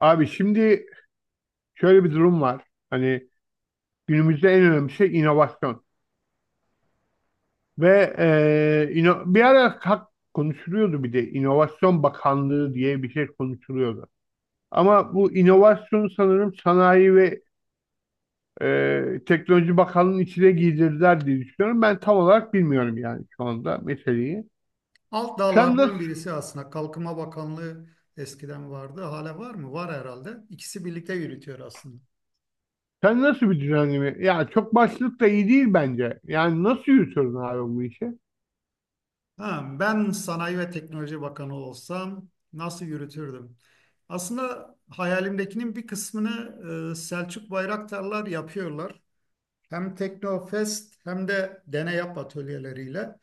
Abi şimdi şöyle bir durum var. Hani günümüzde en önemli şey inovasyon. Bir ara konuşuluyordu, bir de İnovasyon Bakanlığı diye bir şey konuşuluyordu. Ama bu inovasyon sanırım Sanayi ve Teknoloji Bakanlığı'nın içine giydirdiler diye düşünüyorum. Ben tam olarak bilmiyorum yani şu anda meseleyi. Alt Sen nasıl, dallardan birisi aslında. Kalkınma Bakanlığı eskiden vardı. Hala var mı? Var herhalde. İkisi birlikte yürütüyor aslında. sen nasıl bir düzenleme? Ya çok başlık da iyi değil bence. Yani nasıl yürütüyorsun abi bu işi? Ha, ben Sanayi ve Teknoloji Bakanı olsam nasıl yürütürdüm? Aslında hayalimdekinin bir kısmını Selçuk Bayraktarlar yapıyorlar. Hem Teknofest hem de Deney Yap atölyeleriyle.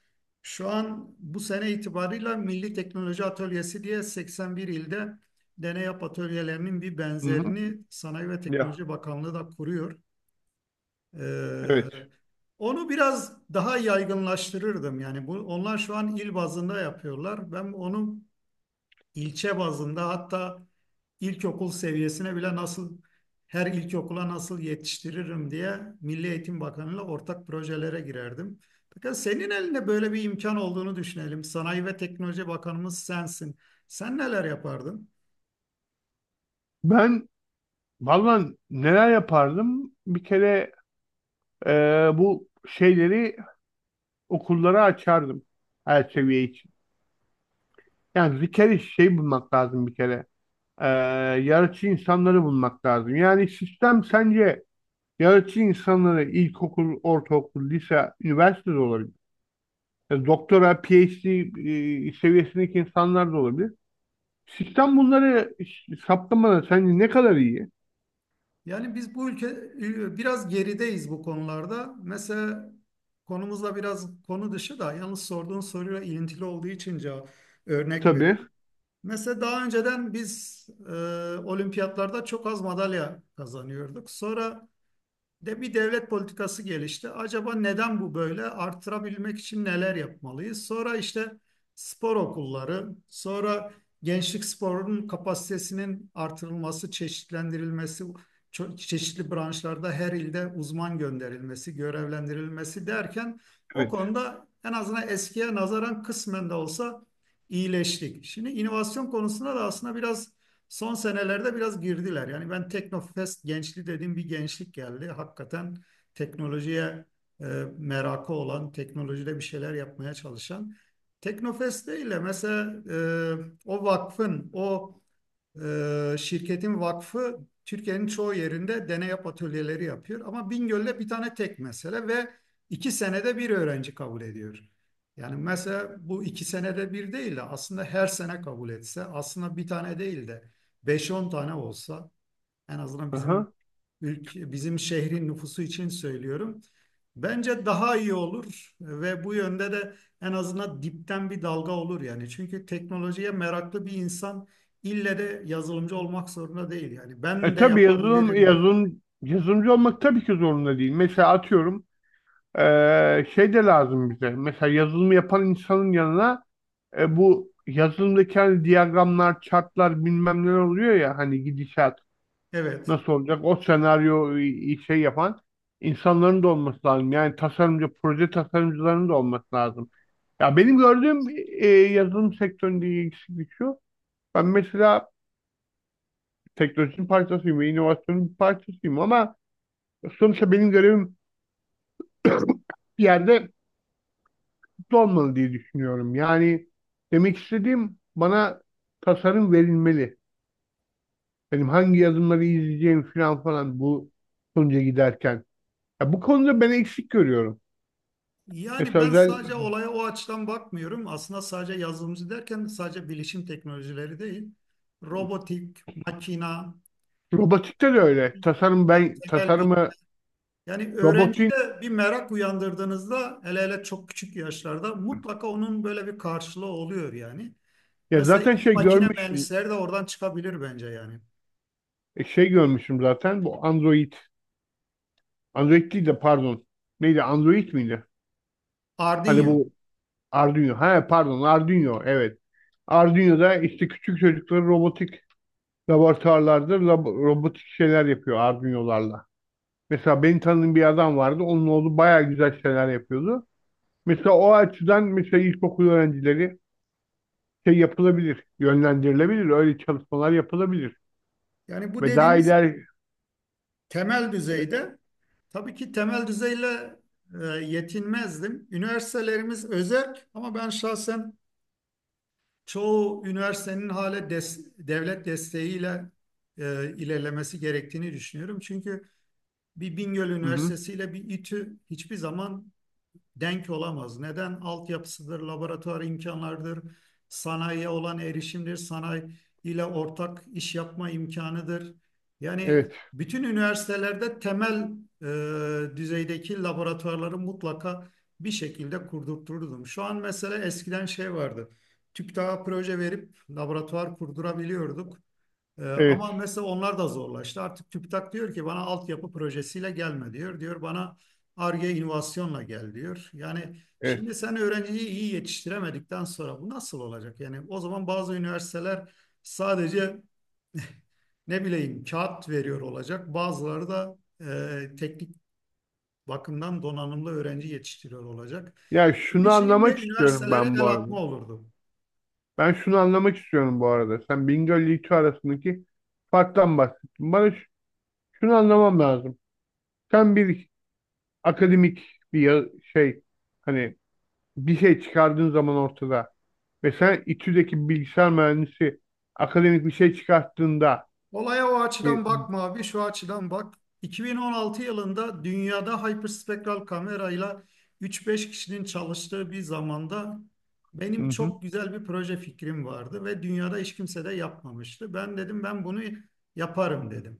Şu an bu sene itibarıyla Milli Teknoloji Atölyesi diye 81 ilde Deney Yap atölyelerinin bir Hı hı. benzerini Sanayi ve Ya, Teknoloji Bakanlığı da kuruyor. Ee, evet. onu biraz daha yaygınlaştırırdım. Yani bu, onlar şu an il bazında yapıyorlar. Ben onu İlçe bazında, hatta ilkokul seviyesine bile nasıl, her ilkokula nasıl yetiştiririm diye Milli Eğitim Bakanı'yla ortak projelere girerdim. Fakat senin elinde böyle bir imkan olduğunu düşünelim. Sanayi ve Teknoloji Bakanımız sensin. Sen neler yapardın? Ben Vallahi neler yapardım? Bir kere e, bu şeyleri okullara açardım her seviye için. Yani bir kere şey bulmak lazım bir kere. E, Yaratıcı insanları bulmak lazım. Yani sistem sence yaratıcı insanları ilkokul, ortaokul, lise, üniversite de olabilir. Doktora, PhD seviyesindeki insanlar da olabilir. Sistem bunları saptamada sence ne kadar iyi? Yani biz bu ülke biraz gerideyiz bu konularda. Mesela konumuzla biraz konu dışı da yalnız sorduğun soruyla ilintili olduğu için cevap örnek Tabii. vereyim. Mesela daha önceden biz olimpiyatlarda çok az madalya kazanıyorduk. Sonra de bir devlet politikası gelişti. Acaba neden bu böyle? Artırabilmek için neler yapmalıyız? Sonra işte spor okulları, sonra gençlik sporunun kapasitesinin artırılması, çeşitlendirilmesi, çeşitli branşlarda her ilde uzman gönderilmesi, görevlendirilmesi derken o Evet. konuda en azından eskiye nazaran kısmen de olsa iyileştik. Şimdi inovasyon konusunda da aslında biraz son senelerde biraz girdiler. Yani ben Teknofest gençliği dediğim bir gençlik geldi. Hakikaten teknolojiye e, merakı olan, teknolojide bir şeyler yapmaya çalışan. Teknofest değil de mesela o vakfın, o şirketin vakfı Türkiye'nin çoğu yerinde deney yap atölyeleri yapıyor. Ama Bingöl'de bir tane tek mesele ve iki senede bir öğrenci kabul ediyor. Yani mesela bu iki senede bir değil de aslında her sene kabul etse, aslında bir tane değil de beş on tane olsa en azından bizim Aha. ülke, bizim şehrin nüfusu için söylüyorum. Bence daha iyi olur ve bu yönde de en azından dipten bir dalga olur yani. Çünkü teknolojiye meraklı bir insan ille de yazılımcı olmak zorunda değil yani. E, Ben de tabii yapabilirim. Yazılımcı olmak tabii ki zorunda değil. Mesela atıyorum, şey de lazım bize. Mesela yazılımı yapan insanın yanına, bu yazılımdaki hani diyagramlar, chartlar bilmem neler oluyor ya, hani gidişat Evet. nasıl olacak o senaryo, şey yapan insanların da olması lazım. Yani tasarımcı, proje tasarımcılarının da olması lazım. Ya benim gördüğüm yazılım sektöründe eksiklik şu. Ben mesela teknolojinin parçasıyım ve inovasyonun bir parçasıyım ama sonuçta benim görevim bir yerde kutlu olmalı diye düşünüyorum. Yani demek istediğim bana tasarım verilmeli. Benim hangi yazımları izleyeceğim falan falan bu sonuca giderken. Ya bu konuda ben eksik görüyorum. Yani Mesela ben özel sadece olaya o açıdan bakmıyorum. Aslında sadece yazılımcı derken sadece bilişim teknolojileri değil. Robotik, makina, robotikte de öyle. Tasarım kimya, ben temel. tasarımı Yani robotin öğrencide bir merak uyandırdığınızda hele hele çok küçük yaşlarda mutlaka onun böyle bir karşılığı oluyor yani. Ya Mesela zaten şey makine görmüşüm. mühendisleri de oradan çıkabilir bence yani. Şey görmüşüm zaten bu Android. Android değil de pardon. Neydi, Android miydi? Hani Arduino. bu Arduino. Ha pardon, Arduino evet. Arduino'da işte küçük çocukları robotik laboratuvarlarda, robotik şeyler yapıyor Arduino'larla. Mesela benim tanıdığım bir adam vardı. Onun oğlu bayağı güzel şeyler yapıyordu. Mesela o açıdan mesela ilkokul öğrencileri şey yapılabilir, yönlendirilebilir. Öyle çalışmalar yapılabilir. Yani bu Ve daha dediğimiz ileri... temel Evet, düzeyde tabii ki temel düzeyle yetinmezdim. Üniversitelerimiz özel ama ben şahsen çoğu üniversitenin hala devlet desteğiyle ilerlemesi gerektiğini düşünüyorum. Çünkü bir Bingöl hı hı. Üniversitesi ile bir İTÜ hiçbir zaman denk olamaz. Neden? Altyapısıdır, laboratuvar imkanlarıdır, sanayiye olan erişimdir, sanayi ile ortak iş yapma imkanıdır. Yani Evet, bütün üniversitelerde temel düzeydeki laboratuvarları mutlaka bir şekilde kurdurturdum. Şu an mesela eskiden şey vardı. TÜBİTAK'a proje verip laboratuvar kurdurabiliyorduk. Ama evet, mesela onlar da zorlaştı. Artık TÜBİTAK diyor ki bana altyapı projesiyle gelme diyor. Diyor bana Ar-Ge inovasyonla gel diyor. Yani evet, şimdi sen öğrenciyi iyi yetiştiremedikten sonra bu nasıl olacak? Yani o zaman bazı üniversiteler sadece ne bileyim kağıt veriyor olacak. Bazıları da teknik bakımdan donanımlı öğrenci yetiştiriyor olacak. Ya şunu Bir şeyin de anlamak istiyorum üniversitelere ben bu el arada. atma olurdu. Ben şunu anlamak istiyorum bu arada. Sen Bingöl ile İTÜ arasındaki farktan bahsettin. Bana ş- şunu anlamam lazım. Sen bir akademik bir ya- şey hani bir şey çıkardığın zaman ortada ve sen İTÜ'deki bilgisayar mühendisi akademik bir şey çıkarttığında Olaya o e, açıdan bakma abi, şu açıdan bak. 2016 yılında dünyada hyperspektral kamerayla 3-5 kişinin çalıştığı bir zamanda hı benim hı, çok güzel bir proje fikrim vardı ve dünyada hiç kimse de yapmamıştı. Ben dedim ben bunu yaparım dedim.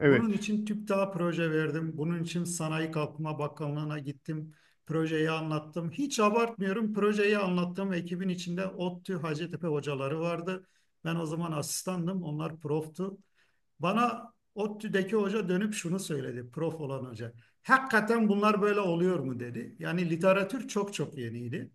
evet Bunun için TÜBİTAK'a proje verdim. Bunun için Sanayi Kalkınma Bakanlığı'na gittim. Projeyi anlattım. Hiç abartmıyorum. Projeyi anlattığım ekibin içinde ODTÜ, Hacettepe hocaları vardı. Ben o zaman asistandım. Onlar proftu. Bana ODTÜ'deki hoca dönüp şunu söyledi. Prof olan hoca. Hakikaten bunlar böyle oluyor mu dedi. Yani literatür çok çok yeniydi.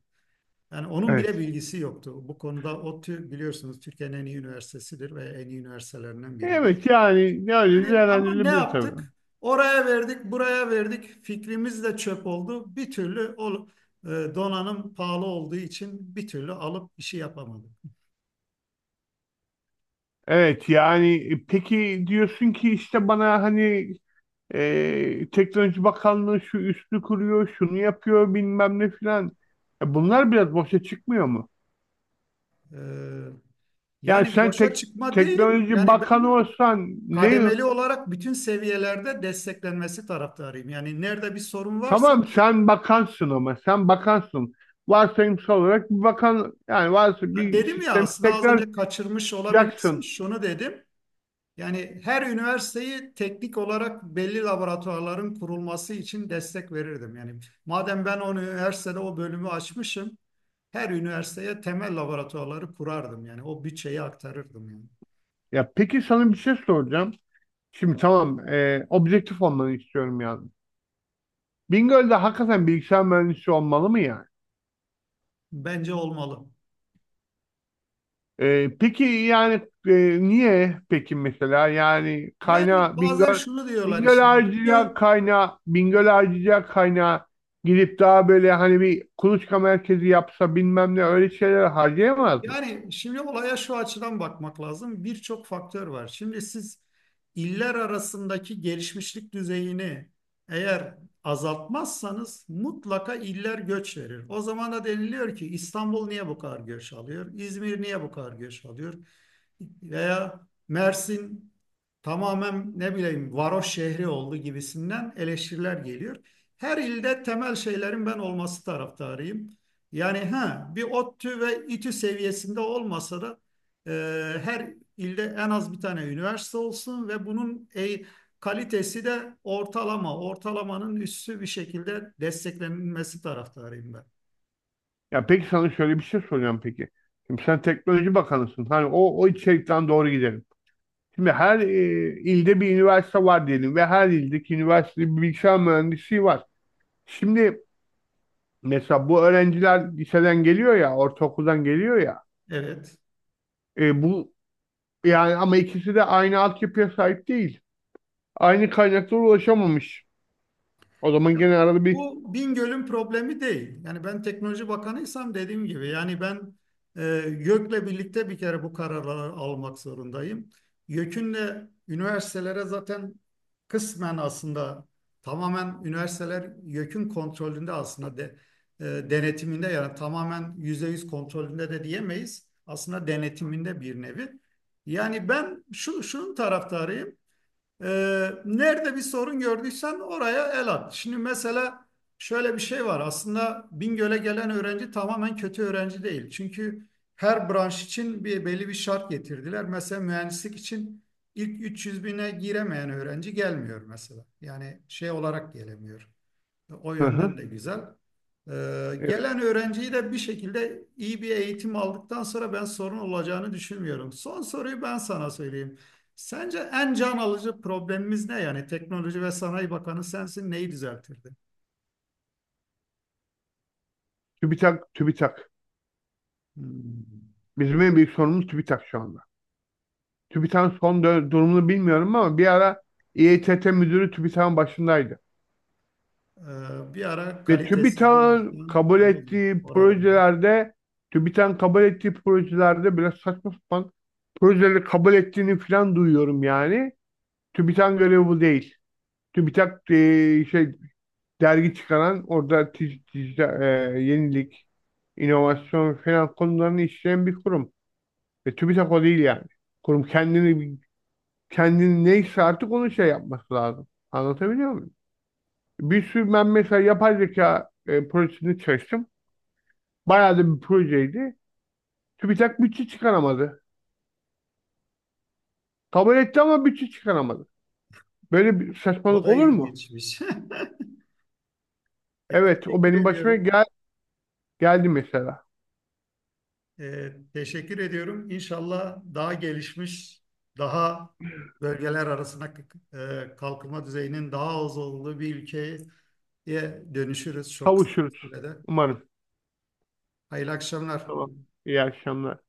Yani onun bile evet bilgisi yoktu. Bu konuda ODTÜ biliyorsunuz Türkiye'nin en iyi üniversitesidir ve en iyi üniversitelerinden biridir. evet yani ne öyle Ama ne değerlendirilebilir tabii. yaptık? Oraya verdik, buraya verdik. Fikrimiz de çöp oldu. Bir türlü o e, donanım pahalı olduğu için bir türlü alıp işi yapamadık. Evet yani, peki diyorsun ki işte bana hani Teknoloji Bakanlığı şu üstü kuruyor şunu yapıyor bilmem ne filan. E, bunlar biraz boşa çıkmıyor mu? E, Yani yani sen boşa tek çıkma değil. Teknoloji Yani Bakanı ben olsan ne... kademeli olarak bütün seviyelerde desteklenmesi taraftarıyım. Yani nerede bir sorun varsa... Tamam sen bakansın, ama sen bakansın. Varsayımsal olarak bir bakan, yani varsa Ya bir dedim ya sistemi aslında az tekrar önce kaçırmış olabilirsin. yaksın. Şunu dedim. Yani her üniversiteyi teknik olarak belli laboratuvarların kurulması için destek verirdim. Yani madem ben o üniversitede o bölümü açmışım, her üniversiteye temel laboratuvarları kurardım. Yani o bütçeyi aktarırdım yani. Ya peki sana bir şey soracağım. Şimdi tamam, objektif olmanı istiyorum yani. Bingöl'de hakikaten bilgisayar mühendisi olmalı mı yani? Bence olmalı. E, peki yani niye peki mesela, yani Yani kaynağı bazen Bingöl şunu diyorlar Bingöl işte Bingöl... harcayacağı kaynağı Bingöl harcayacağı kaynağı gidip daha böyle hani bir kuluçka merkezi yapsa bilmem ne öyle şeyler harcayamaz mı? Yani şimdi olaya şu açıdan bakmak lazım. Birçok faktör var. Şimdi siz iller arasındaki gelişmişlik düzeyini eğer azaltmazsanız mutlaka iller göç verir. O zaman da deniliyor ki İstanbul niye bu kadar göç alıyor? İzmir niye bu kadar göç alıyor? Veya Mersin tamamen ne bileyim varoş şehri oldu gibisinden eleştiriler geliyor. Her ilde temel şeylerin ben olması taraftarıyım. Yani ha bir ODTÜ ve İTÜ seviyesinde olmasa da e, her ilde en az bir tane üniversite olsun ve bunun kalitesi de ortalama, ortalamanın üstü bir şekilde desteklenilmesi taraftarıyım ben. Ya peki sana şöyle bir şey soracağım peki. Şimdi sen teknoloji bakanısın. Hani o içerikten doğru gidelim. Şimdi her ilde bir üniversite var diyelim ve her ildeki üniversitede bir bilgisayar mühendisliği var. Şimdi mesela bu öğrenciler liseden geliyor ya, ortaokuldan geliyor ya. Evet. E, bu yani, ama ikisi de aynı altyapıya sahip değil. Aynı kaynaklara ulaşamamış. O zaman Ya, gene arada bir... bu Bingöl'ün problemi değil. Yani ben teknoloji bakanıysam dediğim gibi yani ben e, YÖK'le birlikte bir kere bu kararları almak zorundayım. YÖK'ünle üniversitelere zaten kısmen aslında tamamen üniversiteler YÖK'ün kontrolünde aslında e, denetiminde yani tamamen %100 kontrolünde de diyemeyiz. Aslında denetiminde bir nevi. Yani ben şu, şunun taraftarıyım. Nerede bir sorun gördüysen oraya el at. Şimdi mesela şöyle bir şey var. Aslında Bingöl'e gelen öğrenci tamamen kötü öğrenci değil. Çünkü her branş için bir belli bir şart getirdiler. Mesela mühendislik için ilk 300 bine giremeyen öğrenci gelmiyor mesela. Yani şey olarak gelemiyor. O Hı yönden hı. de güzel. Ee, Evet, gelen öğrenciyi de bir şekilde iyi bir eğitim aldıktan sonra ben sorun olacağını düşünmüyorum. Son soruyu ben sana söyleyeyim. Sence en can alıcı problemimiz ne? Yani Teknoloji ve Sanayi Bakanı sensin neyi düzeltirdi? TÜBİTAK, TÜBİTAK. Hmm. Bizim en büyük sorunumuz TÜBİTAK şu anda. TÜBİTAK'ın durumunu bilmiyorum ama bir ara İETT müdürü TÜBİTAK'ın başındaydı. Bir ara Ve kalitesiz bir insan doğrudur oradaydı. TÜBİTAK'ın kabul ettiği projelerde biraz saçma sapan projeleri kabul ettiğini falan duyuyorum yani. TÜBİTAK'ın görevi bu değil. TÜBİTAK şey, dergi çıkaran orada yenilik, inovasyon falan konularını işleyen bir kurum. Ve TÜBİTAK o değil yani. Kurum kendini neyse artık onu şey yapması lazım. Anlatabiliyor muyum? Bir sürü... Ben mesela yapay zeka projesini çalıştım. Bayağı da bir projeydi. TÜBİTAK bütçe çıkaramadı. Kabul etti ama bütçe çıkaramadı. Böyle bir O saçmalık da olur mu? ilginçmiş. Evet, o teşekkür benim başıma ediyorum. Geldi mesela. Teşekkür ediyorum. İnşallah daha gelişmiş, daha bölgeler arasında kalkınma düzeyinin daha az olduğu bir ülkeye dönüşürüz çok kısa Kavuşuruz sürede. umarım. Hayırlı akşamlar. Tamam. İyi akşamlar.